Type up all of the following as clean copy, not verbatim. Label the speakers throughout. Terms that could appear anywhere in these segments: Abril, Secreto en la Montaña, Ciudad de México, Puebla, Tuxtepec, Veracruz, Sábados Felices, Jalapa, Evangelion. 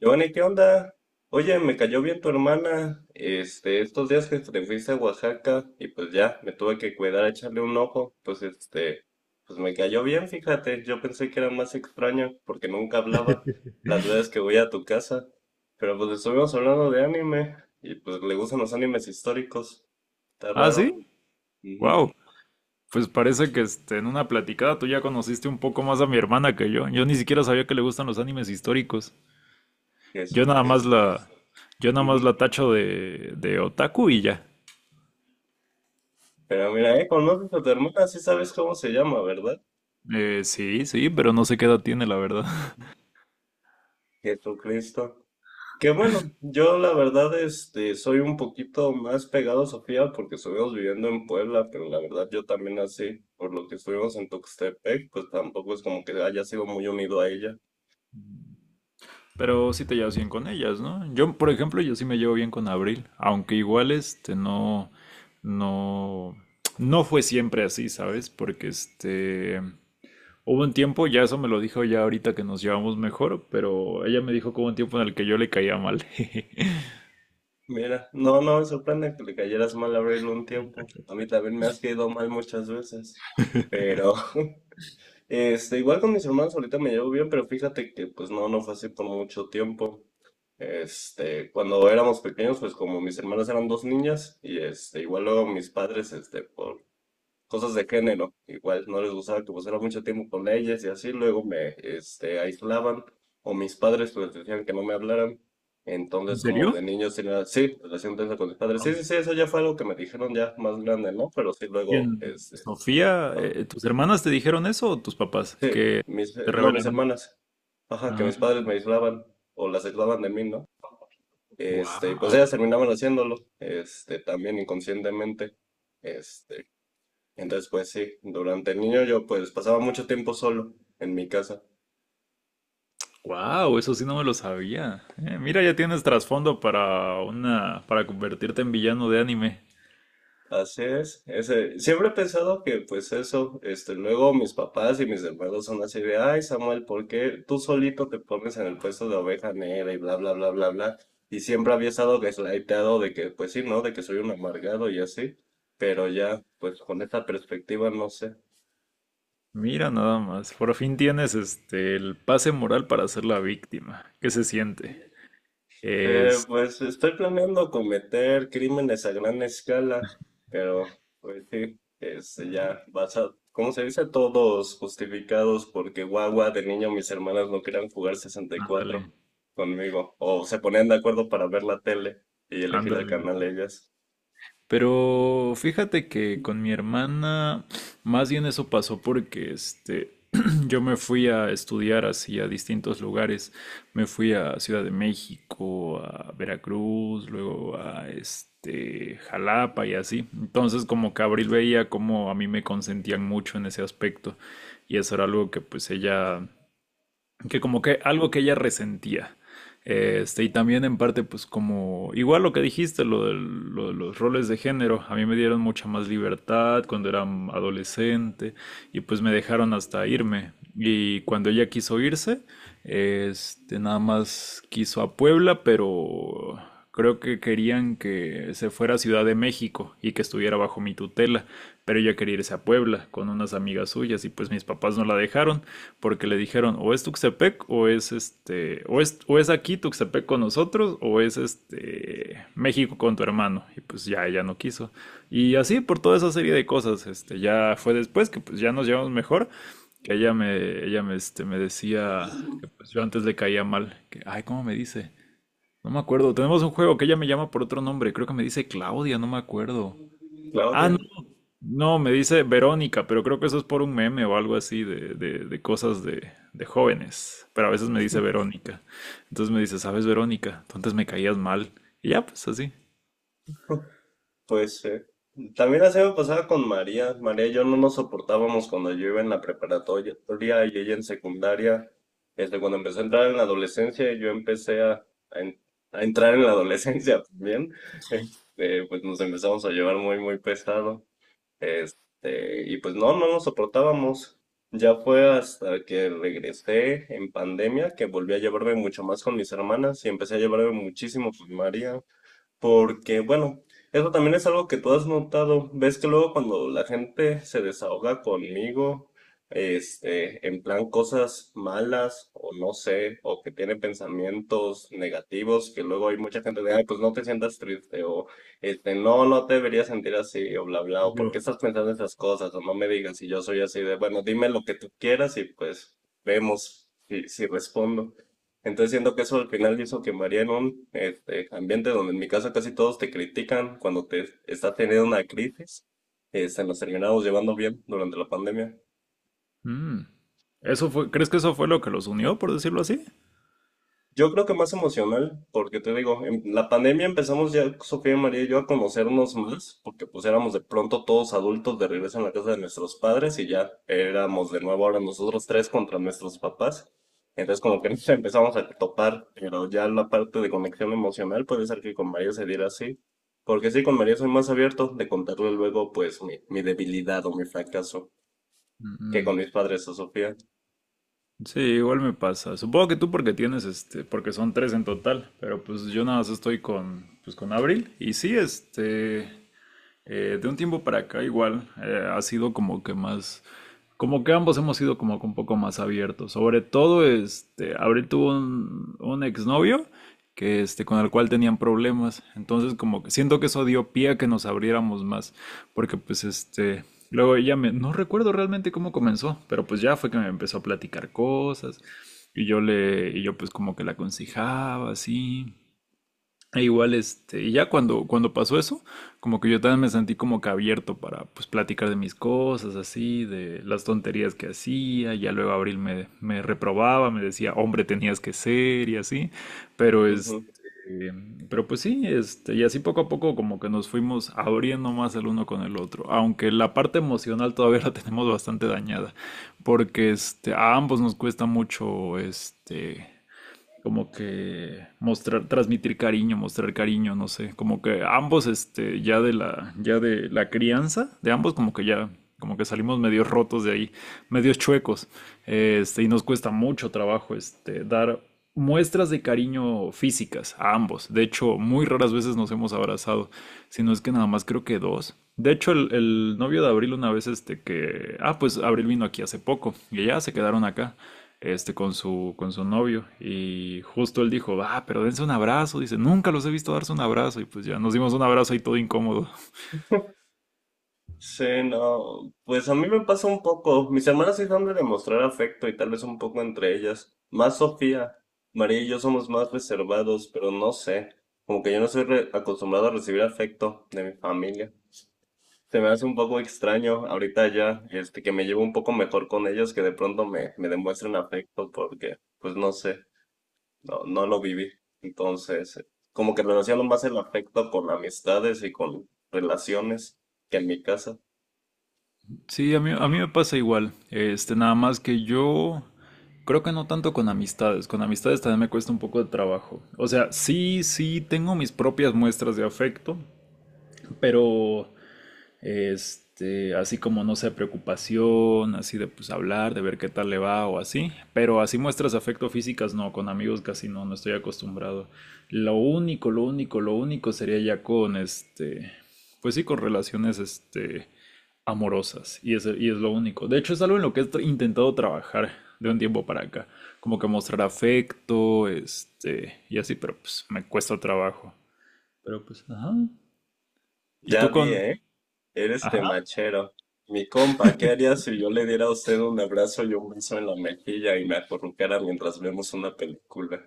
Speaker 1: Giovanni, ¿qué onda? Oye, me cayó bien tu hermana, estos días que te fuiste a Oaxaca y pues ya, me tuve que cuidar a echarle un ojo, pues me cayó bien, fíjate, yo pensé que era más extraño porque nunca hablaba las veces que voy a tu casa, pero pues estuvimos hablando de anime y pues le gustan los animes históricos, está
Speaker 2: Ah,
Speaker 1: raro.
Speaker 2: sí,
Speaker 1: Ujú,
Speaker 2: wow. Pues parece que en una platicada tú ya conociste un poco más a mi hermana que yo. Yo ni siquiera sabía que le gustan los animes históricos. Yo nada más
Speaker 1: Jesucristo.
Speaker 2: la, yo nada más
Speaker 1: Ujú.
Speaker 2: la tacho de otaku y ya.
Speaker 1: Pero mira, conoces a tu hermana, sí sabes cómo se llama, ¿verdad?
Speaker 2: Sí, sí, pero no sé qué edad tiene, la verdad.
Speaker 1: Jesucristo. Que bueno, yo la verdad soy un poquito más pegado a Sofía porque estuvimos viviendo en Puebla, pero la verdad yo también así, por lo que estuvimos en Tuxtepec, pues tampoco es como que haya sido muy unido a ella.
Speaker 2: Pero sí te llevas bien con ellas, ¿no? Yo, por ejemplo, yo sí me llevo bien con Abril, aunque igual no, no, no fue siempre así, ¿sabes? Porque hubo un tiempo, ya eso me lo dijo ya ahorita que nos llevamos mejor, pero ella me dijo que hubo un tiempo en el que yo le caía mal.
Speaker 1: Mira, no, no me sorprende que le cayeras mal a Abril un tiempo. A mí también me has caído mal muchas veces, pero igual con mis hermanos ahorita me llevo bien, pero fíjate que pues no, no fue así por mucho tiempo. Cuando éramos pequeños, pues como mis hermanas eran dos niñas, igual luego mis padres, por cosas de género, igual no les gustaba que pasara mucho tiempo con ellas y así, luego me aislaban, o mis padres pues decían que no me hablaran.
Speaker 2: ¿En
Speaker 1: Entonces, como
Speaker 2: serio?
Speaker 1: de niños tenía, sí, relación tensa con mis padres.
Speaker 2: Wow.
Speaker 1: Sí, sí, sí, eso ya fue algo que me dijeron ya más grande, ¿no? Pero sí, luego,
Speaker 2: Bien,
Speaker 1: este,
Speaker 2: Sofía,
Speaker 1: ah,
Speaker 2: ¿tus hermanas te dijeron eso o tus papás
Speaker 1: sí,
Speaker 2: que te
Speaker 1: no, mis
Speaker 2: revelaron?
Speaker 1: hermanas. Ajá, que
Speaker 2: Ah,
Speaker 1: mis padres me aislaban o las aislaban de mí, ¿no? Y pues
Speaker 2: wow,
Speaker 1: ellas terminaban haciéndolo, también inconscientemente. Este, entonces pues sí, durante el niño yo pues pasaba mucho tiempo solo en mi casa.
Speaker 2: wow, eso sí no me lo sabía. Mira, ya tienes trasfondo para para convertirte en villano de anime.
Speaker 1: Así es, siempre he pensado que pues eso, luego mis papás y mis hermanos son así de, ay Samuel, ¿por qué tú solito te pones en el puesto de oveja negra y bla, bla, bla, bla, bla? Y siempre había estado gaslightado de que, pues sí, ¿no? De que soy un amargado y así, pero ya, pues con esta perspectiva, no sé.
Speaker 2: Mira, nada más. Por fin tienes el pase moral para ser la víctima. ¿Qué se siente? Es,
Speaker 1: Pues estoy planeando cometer crímenes a gran escala, pero pues sí, ya basa, ¿cómo se dice? Todos justificados porque guagua de niño mis hermanas no querían jugar 64
Speaker 2: ándale.
Speaker 1: conmigo, o se ponían de acuerdo para ver la tele y elegir el
Speaker 2: Ándale.
Speaker 1: canal ellas.
Speaker 2: Pero fíjate que con mi hermana, más bien eso pasó porque yo me fui a estudiar así a distintos lugares. Me fui a Ciudad de México, a Veracruz, luego a Jalapa y así. Entonces, como que Abril veía como a mí me consentían mucho en ese aspecto. Y eso era algo que pues ella que como que algo que ella resentía. Y también en parte, pues como, igual lo que dijiste, lo de los roles de género, a mí me dieron mucha más libertad cuando era adolescente y pues me dejaron hasta irme. Y cuando ella quiso irse, nada más quiso a Puebla, pero creo que querían que se fuera a Ciudad de México y que estuviera bajo mi tutela, pero ella quería irse a Puebla con unas amigas suyas y pues mis papás no la dejaron porque le dijeron o es Tuxtepec o es aquí Tuxtepec con nosotros o es México con tu hermano. Y pues ya ella no quiso, y así, por toda esa serie de cosas, ya fue después que pues ya nos llevamos mejor, que ella me me decía que pues yo antes le caía mal, que ay, cómo me dice, no me acuerdo. Tenemos un juego que ella me llama por otro nombre. Creo que me dice Claudia, no me acuerdo. Ah, no,
Speaker 1: Claudia.
Speaker 2: no, me dice Verónica, pero creo que eso es por un meme o algo así de cosas de jóvenes. Pero a veces me dice Verónica. Entonces me dice, ¿sabes, Verónica? Tú antes me caías mal. Y ya, pues así.
Speaker 1: Pues ser. También la semana pasaba con María. María y yo no nos soportábamos cuando yo iba en la preparatoria y ella en secundaria. Cuando empecé a entrar en la adolescencia, yo empecé a en- a entrar en la adolescencia también. Pues nos empezamos a llevar muy, muy pesado. Y pues no, no nos soportábamos. Ya fue hasta que regresé en pandemia que volví a llevarme mucho más con mis hermanas y empecé a llevarme muchísimo con María. Porque, bueno, eso también es algo que tú has notado. Ves que luego cuando la gente se desahoga conmigo, en plan cosas malas, o no sé, o que tiene pensamientos negativos, que luego hay mucha gente de, ay, pues no te sientas triste, o no, no te deberías sentir así, o bla, bla, o por
Speaker 2: Yo.
Speaker 1: qué estás pensando esas cosas, o no me digas si yo soy así de, bueno, dime lo que tú quieras y pues vemos si respondo. Entonces siento que eso al final hizo que María en un ambiente donde en mi casa casi todos te critican cuando te estás teniendo una crisis, se nos terminamos llevando bien durante la pandemia.
Speaker 2: Mm, ¿Crees que eso fue lo que los unió, por decirlo así?
Speaker 1: Yo creo que más emocional, porque te digo, en la pandemia empezamos ya Sofía y María y yo a conocernos más, porque pues éramos de pronto todos adultos de regreso en la casa de nuestros padres y ya éramos de nuevo ahora nosotros tres contra nuestros papás. Entonces como que nos empezamos a topar, pero ya la parte de conexión emocional puede ser que con María se diera así, porque sí, con María soy más abierto de contarle luego pues mi debilidad o mi fracaso que
Speaker 2: Mm,
Speaker 1: con mis padres a Sofía.
Speaker 2: sí, igual me pasa. Supongo que tú porque tienes porque son tres en total, pero pues yo nada más estoy pues con Abril. Y sí, de un tiempo para acá igual, ha sido como que más, como que ambos hemos sido como que un poco más abiertos. Sobre todo, Abril tuvo un exnovio que, con el cual tenían problemas. Entonces, como que siento que eso dio pie a que nos abriéramos más, porque pues, luego no recuerdo realmente cómo comenzó, pero pues ya fue que me empezó a platicar cosas, y yo pues como que la aconsejaba así. E igual, y ya cuando pasó eso, como que yo también me sentí como que abierto para pues platicar de mis cosas, así, de las tonterías que hacía, ya luego Abril me reprobaba, me decía, hombre, tenías que ser, y así, pero, pero pues sí, y así poco a poco como que nos fuimos abriendo más el uno con el otro, aunque la parte emocional todavía la tenemos bastante dañada, porque, a ambos nos cuesta mucho, como que mostrar, transmitir cariño, mostrar cariño, no sé, como que ambos, ya de la crianza, de ambos como que ya, como que salimos medio rotos de ahí, medios chuecos, y nos cuesta mucho trabajo, dar muestras de cariño físicas a ambos. De hecho, muy raras veces nos hemos abrazado, si no es que nada más creo que dos. De hecho, el novio de Abril una vez, pues Abril vino aquí hace poco, y ya se quedaron acá, con su novio. Y justo él dijo, ah, pero dense un abrazo. Dice, nunca los he visto darse un abrazo. Y pues ya nos dimos un abrazo y todo incómodo.
Speaker 1: Sí, no, pues a mí me pasa un poco. Mis hermanas sí son de demostrar afecto y tal vez un poco entre ellas. Más Sofía. María y yo somos más reservados, pero no sé. Como que yo no soy acostumbrado a recibir afecto de mi familia. Se me hace un poco extraño ahorita ya, que me llevo un poco mejor con ellos, que de pronto me demuestren afecto porque, pues no sé, no, no lo viví. Entonces, como que relaciono más el afecto con amistades y con relaciones que en mi casa.
Speaker 2: Sí, a mí me pasa igual. Nada más que yo creo que no tanto con amistades. Con amistades también me cuesta un poco de trabajo. O sea, sí, sí, tengo mis propias muestras de afecto, pero, así, como no sé, preocupación, así de pues hablar, de ver qué tal le va o así. Pero así muestras afecto físicas, no, con amigos casi no, no estoy acostumbrado. Lo único, lo único, lo único sería ya con, pues sí, con relaciones, amorosas. Y es lo único. De hecho, es algo en lo que he intentado trabajar de un tiempo para acá. Como que mostrar afecto, y así, pero pues me cuesta trabajo. Pero pues, ajá. ¿Y
Speaker 1: Ya
Speaker 2: tú
Speaker 1: vi,
Speaker 2: con?
Speaker 1: ¿eh? Eres
Speaker 2: Ajá.
Speaker 1: temachero. Mi compa, ¿qué haría si yo le diera a usted un abrazo y un beso en la mejilla y me acurrucara mientras vemos una película?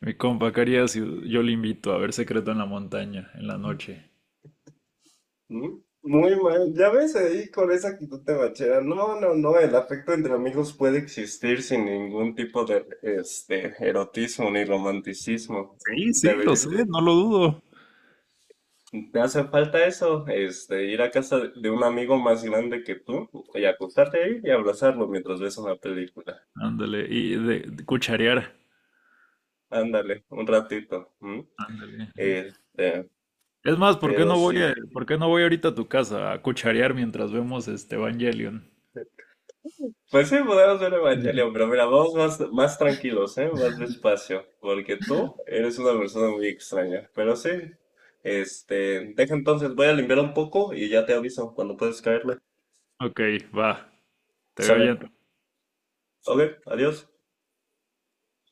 Speaker 2: Mi compa, ¿qué haría si yo le invito a ver Secreto en la Montaña en la noche?
Speaker 1: ¿Mm? Muy mal, ya ves ahí con esa actitud temachera. No, no, no, el afecto entre amigos puede existir sin ningún tipo de erotismo ni romanticismo, ¿no?
Speaker 2: Sí, sí, lo
Speaker 1: Debería.
Speaker 2: sé, no lo dudo.
Speaker 1: Te hace falta eso, ir a casa de un amigo más grande que tú y acostarte ahí y abrazarlo mientras ves una película.
Speaker 2: Ándale, y de cucharear.
Speaker 1: Ándale, un ratito. ¿M?
Speaker 2: Ándale. Ajá.
Speaker 1: Este,
Speaker 2: Es más,
Speaker 1: pero sí.
Speaker 2: por qué no voy ahorita a tu casa a cucharear mientras vemos Evangelion?
Speaker 1: Pues sí, podemos ver Evangelion, pero mira, vamos más, más tranquilos, ¿eh? Más despacio, porque tú eres una persona muy extraña. Pero sí, deja entonces, voy a limpiar un poco y ya te aviso cuando puedes caerle.
Speaker 2: Ok, va. Te veo
Speaker 1: Sale.
Speaker 2: allá.
Speaker 1: Ok, adiós.